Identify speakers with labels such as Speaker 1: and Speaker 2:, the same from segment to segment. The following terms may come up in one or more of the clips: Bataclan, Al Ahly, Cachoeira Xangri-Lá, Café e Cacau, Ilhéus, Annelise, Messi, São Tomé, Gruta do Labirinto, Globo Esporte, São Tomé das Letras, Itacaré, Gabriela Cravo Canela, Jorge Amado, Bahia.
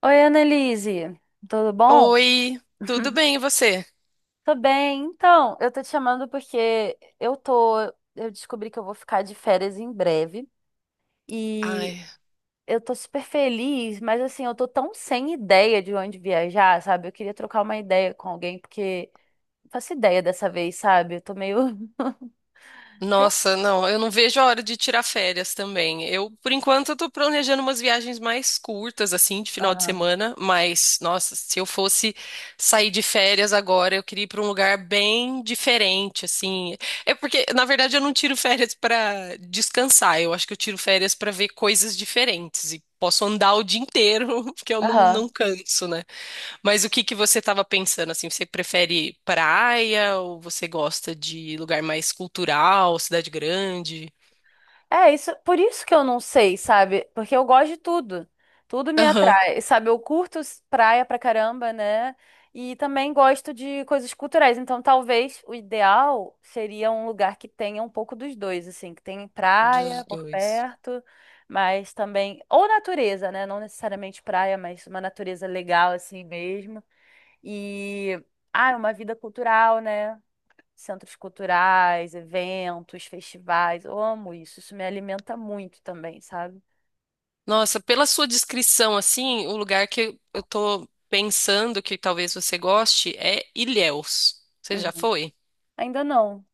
Speaker 1: Oi, Annelise, tudo bom?
Speaker 2: Oi, tudo bem e você?
Speaker 1: Tô bem. Então, eu tô te chamando porque eu tô, eu descobri que eu vou ficar de férias em breve e
Speaker 2: Ai,
Speaker 1: eu tô super feliz, mas assim, eu tô tão sem ideia de onde viajar, sabe? Eu queria trocar uma ideia com alguém porque não faço ideia dessa vez, sabe? Eu tô meio
Speaker 2: nossa, não, eu não vejo a hora de tirar férias também. Eu, por enquanto, eu tô planejando umas viagens mais curtas, assim, de final de
Speaker 1: Aham.
Speaker 2: semana, mas, nossa, se eu fosse sair de férias agora, eu queria ir pra um lugar bem diferente, assim. É porque, na verdade, eu não tiro férias pra descansar, eu acho que eu tiro férias pra ver coisas diferentes e posso andar o dia inteiro, porque eu não
Speaker 1: Aham.
Speaker 2: canso, né? Mas o que que você estava pensando assim? Você prefere praia ou você gosta de lugar mais cultural, cidade grande?
Speaker 1: É, isso, por isso que eu não sei, sabe? Porque eu gosto de tudo. Tudo me
Speaker 2: Aham,
Speaker 1: atrai, sabe? Eu curto praia pra caramba, né? E também gosto de coisas culturais. Então, talvez o ideal seria um lugar que tenha um pouco dos dois, assim, que tem praia
Speaker 2: dos
Speaker 1: por
Speaker 2: dois.
Speaker 1: perto, mas também ou natureza, né? Não necessariamente praia, mas uma natureza legal assim mesmo. E ah, uma vida cultural, né? Centros culturais, eventos, festivais. Eu amo isso, isso me alimenta muito também, sabe?
Speaker 2: Nossa, pela sua descrição assim, o lugar que eu tô pensando que talvez você goste é Ilhéus. Você já
Speaker 1: Uhum.
Speaker 2: foi?
Speaker 1: Ainda não.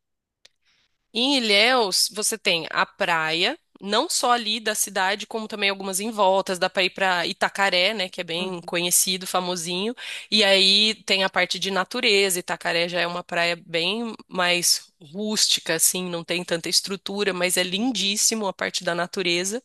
Speaker 2: Em Ilhéus, você tem a praia, não só ali da cidade, como também algumas em voltas. Dá pra ir pra Itacaré, né, que é bem
Speaker 1: Uhum.
Speaker 2: conhecido, famosinho. E aí tem a parte de natureza. Itacaré já é uma praia bem mais rústica, assim, não tem tanta estrutura, mas é
Speaker 1: Uhum.
Speaker 2: lindíssimo a parte da natureza.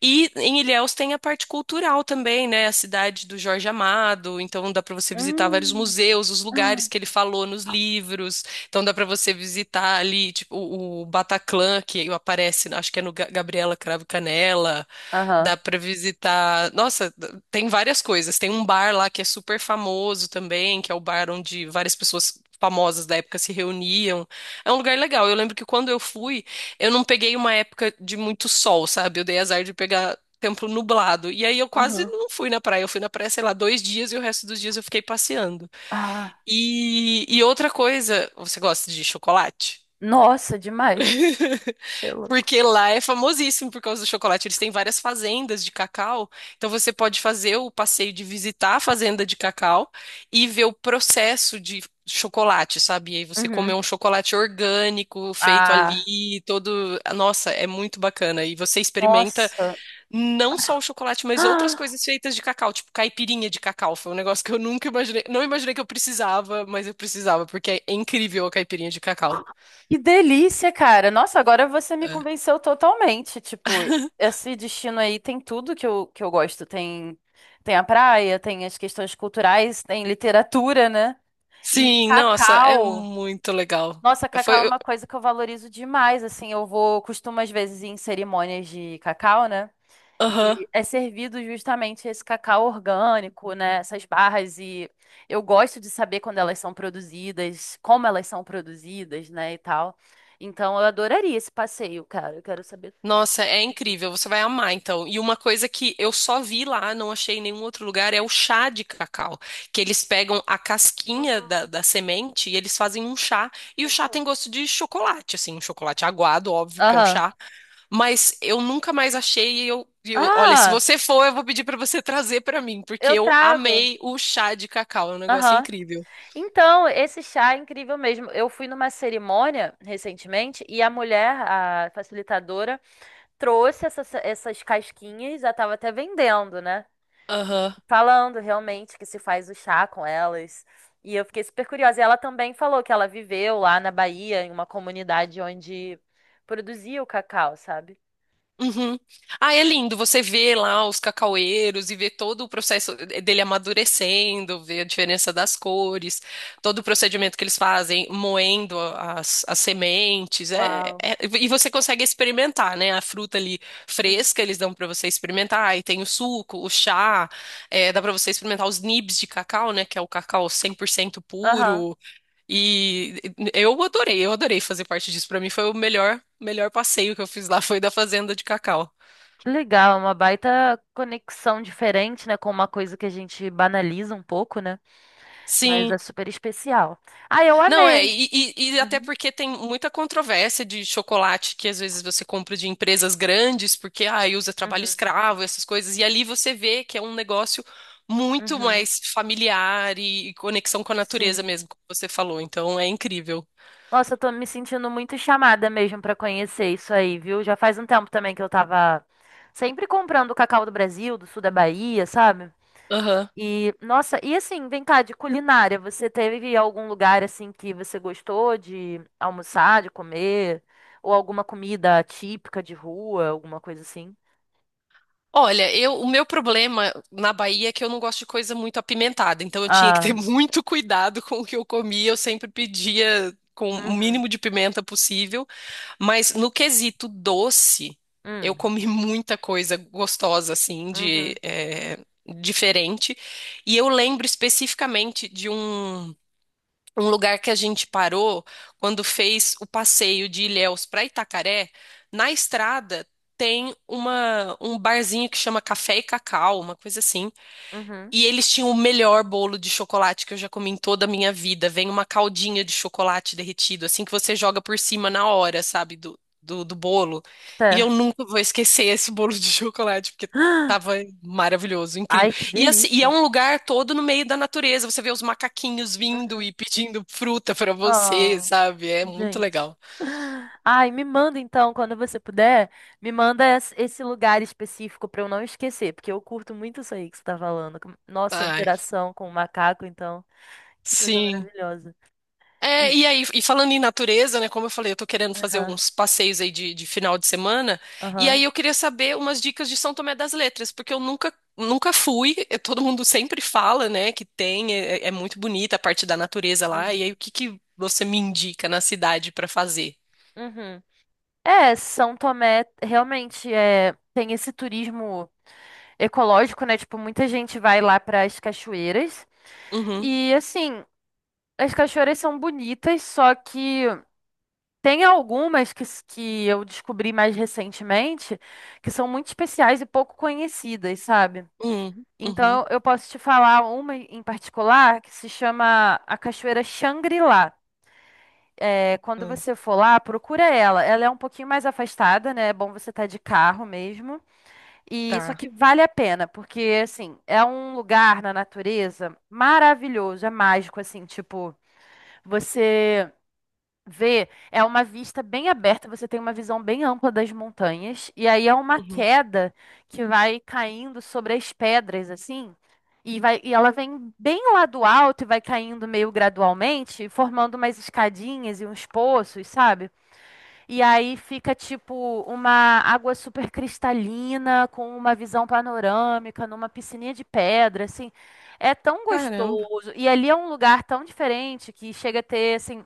Speaker 2: E em Ilhéus tem a parte cultural também, né? A cidade do Jorge Amado, então dá para você visitar vários
Speaker 1: Hum.
Speaker 2: museus, os lugares
Speaker 1: Ah.
Speaker 2: que ele falou nos livros. Então dá para você visitar ali, tipo, o Bataclan que aparece, acho que é no Gabriela Cravo Canela.
Speaker 1: Aham.
Speaker 2: Dá para visitar. Nossa, tem várias coisas. Tem um bar lá que é super famoso também, que é o bar onde várias pessoas famosas da época se reuniam. É um lugar legal. Eu lembro que quando eu fui eu não peguei uma época de muito sol, sabe? Eu dei azar de pegar tempo nublado. E aí eu quase
Speaker 1: Uhum.
Speaker 2: não fui na praia. Eu fui na praia, sei lá, 2 dias e o resto dos dias eu fiquei passeando.
Speaker 1: Ah,
Speaker 2: E outra coisa, você gosta de chocolate?
Speaker 1: nossa, demais. Você é louco.
Speaker 2: Porque lá é famosíssimo por causa do chocolate. Eles têm várias fazendas de cacau. Então você pode fazer o passeio de visitar a fazenda de cacau e ver o processo de chocolate, sabe? E aí você comer
Speaker 1: Uhum.
Speaker 2: um chocolate orgânico feito
Speaker 1: Ah,
Speaker 2: ali, todo. Nossa, é muito bacana. E você experimenta
Speaker 1: nossa.
Speaker 2: não só o chocolate, mas outras
Speaker 1: Ah,
Speaker 2: coisas feitas de cacau, tipo caipirinha de cacau. Foi um negócio que eu nunca imaginei. Não imaginei que eu precisava, mas eu precisava, porque é incrível a caipirinha de cacau.
Speaker 1: que delícia, cara. Nossa, agora você me
Speaker 2: É.
Speaker 1: convenceu totalmente. Tipo, esse destino aí tem tudo que eu gosto. Tem, tem a praia, tem as questões culturais, tem literatura, né? E
Speaker 2: Sim, nossa, é
Speaker 1: cacau,
Speaker 2: muito legal.
Speaker 1: nossa,
Speaker 2: É,
Speaker 1: cacau é
Speaker 2: Foi, eu-
Speaker 1: uma coisa que eu valorizo demais, assim, eu vou, costumo às vezes ir em cerimônias de cacau, né?
Speaker 2: aham.
Speaker 1: E é servido justamente esse cacau orgânico, né? Essas barras e eu gosto de saber quando elas são produzidas, como elas são produzidas, né, e tal. Então eu adoraria esse passeio, cara. Eu quero saber.
Speaker 2: Nossa, é incrível, você vai amar então. E uma coisa que eu só vi lá, não achei em nenhum outro lugar, é o chá de cacau, que eles pegam a casquinha
Speaker 1: Uhum,
Speaker 2: da semente e eles fazem um chá, e o chá
Speaker 1: uhum.
Speaker 2: tem gosto de chocolate, assim, um chocolate aguado, óbvio, porque é um
Speaker 1: Aham.
Speaker 2: chá, mas eu nunca mais achei e olha, se
Speaker 1: Ah,
Speaker 2: você for, eu vou pedir pra você trazer pra mim, porque
Speaker 1: eu
Speaker 2: eu
Speaker 1: trago.
Speaker 2: amei o chá de cacau, é um negócio
Speaker 1: Aham.
Speaker 2: incrível.
Speaker 1: Então, esse chá é incrível mesmo. Eu fui numa cerimônia recentemente e a mulher, a facilitadora, trouxe essas casquinhas, já estava até vendendo, né?
Speaker 2: Aham.
Speaker 1: Falando realmente que se faz o chá com elas. E eu fiquei super curiosa. E ela também falou que ela viveu lá na Bahia, em uma comunidade onde produzia o cacau, sabe?
Speaker 2: Uhum. Ah, é lindo. Você vê lá os cacaueiros e vê todo o processo dele amadurecendo, vê a diferença das cores, todo o procedimento que eles fazem, moendo as sementes.
Speaker 1: Uau.
Speaker 2: E você consegue experimentar, né? A fruta ali
Speaker 1: Uhum.
Speaker 2: fresca, eles dão para você experimentar. E tem o suco, o chá, é, dá para você experimentar os nibs de cacau, né? Que é o cacau 100%
Speaker 1: Aham.
Speaker 2: puro. E eu adorei fazer parte disso. Pra mim foi o melhor passeio que eu fiz lá, foi da fazenda de cacau.
Speaker 1: Que legal, é uma baita conexão diferente, né, com uma coisa que a gente banaliza um pouco, né? Mas é
Speaker 2: Sim.
Speaker 1: super especial. Ah, eu
Speaker 2: Não, é,
Speaker 1: amei.
Speaker 2: e, e- e até
Speaker 1: Uhum,
Speaker 2: porque tem muita controvérsia de chocolate que às vezes você compra de empresas grandes, porque ah, usa trabalho
Speaker 1: uhum,
Speaker 2: escravo, essas coisas, e ali você vê que é um negócio muito
Speaker 1: uhum.
Speaker 2: mais familiar e conexão com a natureza
Speaker 1: Sim.
Speaker 2: mesmo, como você falou. Então é incrível.
Speaker 1: Nossa, eu tô me sentindo muito chamada mesmo pra conhecer isso aí, viu? Já faz um tempo também que eu tava sempre comprando o cacau do Brasil, do sul da Bahia, sabe? E, nossa, e assim, vem cá, de culinária, você teve algum lugar assim que você gostou de almoçar, de comer? Ou alguma comida típica de rua, alguma coisa assim?
Speaker 2: Olha, eu, o meu problema na Bahia é que eu não gosto de coisa muito apimentada, então eu tinha que ter
Speaker 1: Ah,
Speaker 2: muito cuidado com o que eu comia, eu sempre pedia com o
Speaker 1: uhum,
Speaker 2: mínimo de pimenta possível, mas no quesito doce, eu
Speaker 1: hum,
Speaker 2: comi muita coisa gostosa, assim, de,
Speaker 1: uhum,
Speaker 2: diferente, e eu lembro especificamente de um. Um lugar que a gente parou quando fez o passeio de Ilhéus para Itacaré, na estrada tem uma, um barzinho que chama Café e Cacau, uma coisa assim.
Speaker 1: uhum.
Speaker 2: E eles tinham o melhor bolo de chocolate que eu já comi em toda a minha vida. Vem uma caldinha de chocolate derretido, assim que você joga por cima na hora, sabe, do bolo. E eu
Speaker 1: Certo.
Speaker 2: nunca vou esquecer esse bolo de chocolate, porque tava maravilhoso, incrível.
Speaker 1: Ai, que
Speaker 2: E, assim, e é
Speaker 1: delícia.
Speaker 2: um lugar todo no meio da natureza. Você vê os macaquinhos vindo
Speaker 1: Uhum.
Speaker 2: e pedindo fruta pra você,
Speaker 1: Ah,
Speaker 2: sabe? É muito
Speaker 1: gente.
Speaker 2: legal.
Speaker 1: Ai, me manda então, quando você puder, me manda esse lugar específico pra eu não esquecer, porque eu curto muito isso aí que você tá falando. Nossa, a
Speaker 2: Ai,
Speaker 1: interação com o macaco, então, que coisa
Speaker 2: sim.
Speaker 1: maravilhosa.
Speaker 2: É,
Speaker 1: Ih,
Speaker 2: e aí, e falando em natureza, né? Como eu falei, eu tô querendo fazer
Speaker 1: aham,
Speaker 2: uns passeios aí de final de semana. E
Speaker 1: aham,
Speaker 2: aí eu queria saber umas dicas de São Tomé das Letras, porque eu nunca fui. Todo mundo sempre fala, né, que tem, é muito bonita a parte da natureza lá. E aí,
Speaker 1: uhum,
Speaker 2: o que que você me indica na cidade pra fazer?
Speaker 1: uhum. É, São Tomé realmente é, tem esse turismo ecológico, né? Tipo, muita gente vai lá para as cachoeiras
Speaker 2: Uhum,
Speaker 1: e assim, as cachoeiras são bonitas, só que tem algumas que, que eu descobri mais recentemente que são muito especiais e pouco conhecidas, sabe?
Speaker 2: uhum, uhum,
Speaker 1: Então eu posso te falar uma em particular que se chama a Cachoeira Xangri-Lá. É, quando
Speaker 2: uhum,
Speaker 1: você for lá, procura ela. Ela é um pouquinho mais afastada, né? É bom você estar de carro mesmo. E só
Speaker 2: tá.
Speaker 1: que vale a pena, porque assim, é um lugar na natureza maravilhoso, é mágico assim, tipo, você ver é uma vista bem aberta, você tem uma visão bem ampla das montanhas, e aí é uma
Speaker 2: Uhum.
Speaker 1: queda que vai caindo sobre as pedras, assim, e vai, e ela vem bem lá do alto e vai caindo meio gradualmente, formando umas escadinhas e uns poços, sabe? E aí fica tipo uma água super cristalina, com uma visão panorâmica, numa piscininha de pedra, assim. É tão
Speaker 2: Caramba,
Speaker 1: gostoso. E ali é um lugar tão diferente que chega a ter, assim,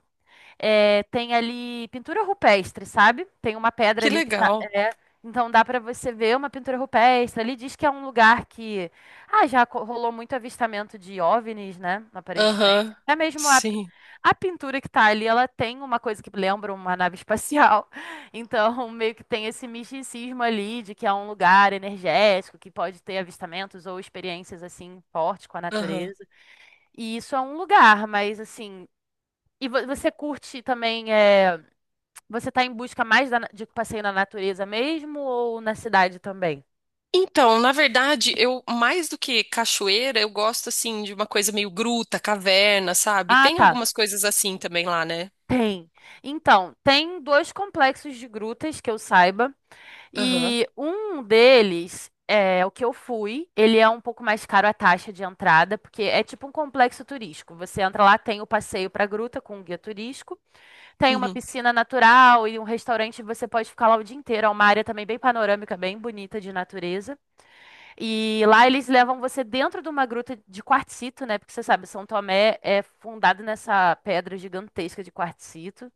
Speaker 1: é, tem ali pintura rupestre, sabe? Tem uma pedra
Speaker 2: que
Speaker 1: ali que tá.
Speaker 2: legal.
Speaker 1: é, então dá para você ver uma pintura rupestre. Ali diz que é um lugar que. Ah, já rolou muito avistamento de OVNIs, né? Aparentemente.
Speaker 2: Aham,
Speaker 1: Até mesmo a,
Speaker 2: sim.
Speaker 1: a pintura que tá ali, ela tem uma coisa que lembra uma nave espacial. Então, meio que tem esse misticismo ali de que é um lugar energético que pode ter avistamentos ou experiências assim fortes com a
Speaker 2: Aham.
Speaker 1: natureza. E isso é um lugar, mas assim. E você curte também, é, você tá em busca mais de passeio na natureza mesmo ou na cidade também?
Speaker 2: Então, na verdade, eu mais do que cachoeira, eu gosto assim de uma coisa meio gruta, caverna, sabe?
Speaker 1: Ah,
Speaker 2: Tem
Speaker 1: tá.
Speaker 2: algumas coisas assim também lá, né?
Speaker 1: Tem. Então, tem dois complexos de grutas que eu saiba,
Speaker 2: Aham.
Speaker 1: e um deles é o que eu fui. Ele é um pouco mais caro a taxa de entrada, porque é tipo um complexo turístico. Você entra lá, tem o passeio pra gruta com um guia turístico, tem uma
Speaker 2: Uhum.
Speaker 1: piscina natural e um restaurante, você pode ficar lá o dia inteiro. É uma área também bem panorâmica, bem bonita de natureza. E lá eles levam você dentro de uma gruta de quartzito, né? Porque você sabe, São Tomé é fundado nessa pedra gigantesca de quartzito.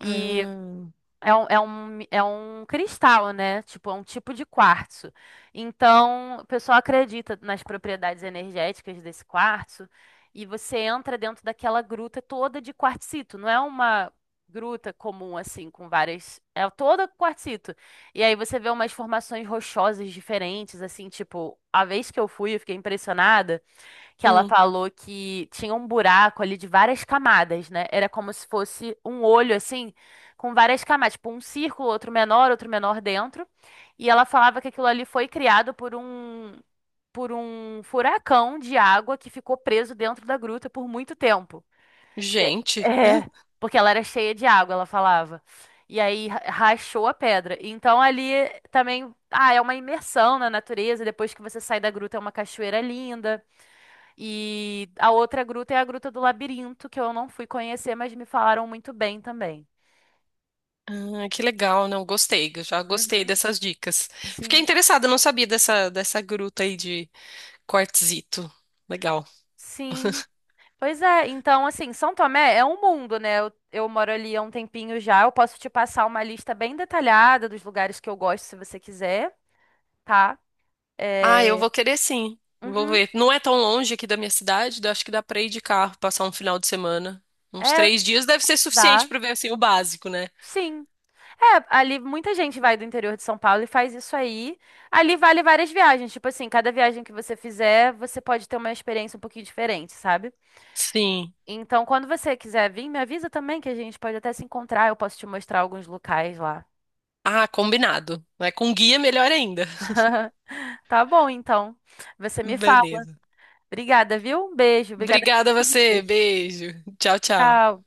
Speaker 1: E é um cristal, né? Tipo, é um tipo de quartzo. Então, o pessoal acredita nas propriedades energéticas desse quartzo e você entra dentro daquela gruta toda de quartzito. Não é uma gruta comum, assim, com várias. É toda quartzito. E aí você vê umas formações rochosas diferentes, assim, tipo, a vez que eu fui, eu fiquei impressionada que ela
Speaker 2: hum.
Speaker 1: falou que tinha um buraco ali de várias camadas, né? Era como se fosse um olho assim, com várias camadas, tipo um círculo, outro menor dentro. E ela falava que aquilo ali foi criado por um furacão de água que ficou preso dentro da gruta por muito tempo. É,
Speaker 2: Gente,
Speaker 1: é, porque ela era cheia de água, ela falava. E aí rachou a pedra. Então ali também, ah, é uma imersão na natureza, depois que você sai da gruta é uma cachoeira linda. E a outra gruta é a Gruta do Labirinto, que eu não fui conhecer, mas me falaram muito bem também.
Speaker 2: ah, que legal, não gostei, eu já gostei
Speaker 1: Uhum.
Speaker 2: dessas dicas. Fiquei
Speaker 1: Sim,
Speaker 2: interessada, não sabia dessa gruta aí de quartzito. Legal.
Speaker 1: sim. Pois é, então assim, São Tomé é um mundo, né? Eu moro ali há um tempinho já. Eu posso te passar uma lista bem detalhada dos lugares que eu gosto, se você quiser, tá?
Speaker 2: Ah, eu
Speaker 1: É.
Speaker 2: vou querer sim. Vou
Speaker 1: Uhum.
Speaker 2: ver. Não é tão longe aqui da minha cidade, eu acho que dá pra ir de carro, passar um final de semana. Uns
Speaker 1: É,
Speaker 2: 3 dias deve ser suficiente
Speaker 1: dá.
Speaker 2: pra ver assim o básico, né?
Speaker 1: Sim. É, ali muita gente vai do interior de São Paulo e faz isso aí. Ali vale várias viagens. Tipo assim, cada viagem que você fizer, você pode ter uma experiência um pouquinho diferente, sabe?
Speaker 2: Sim.
Speaker 1: Então, quando você quiser vir, me avisa também que a gente pode até se encontrar. Eu posso te mostrar alguns locais lá.
Speaker 2: Ah, combinado. Né? Com guia, melhor ainda.
Speaker 1: Tá bom, então. Você me fala.
Speaker 2: Beleza.
Speaker 1: Obrigada, viu? Um beijo. Obrigada.
Speaker 2: Obrigada a você. Beijo. Tchau, tchau.
Speaker 1: Tchau.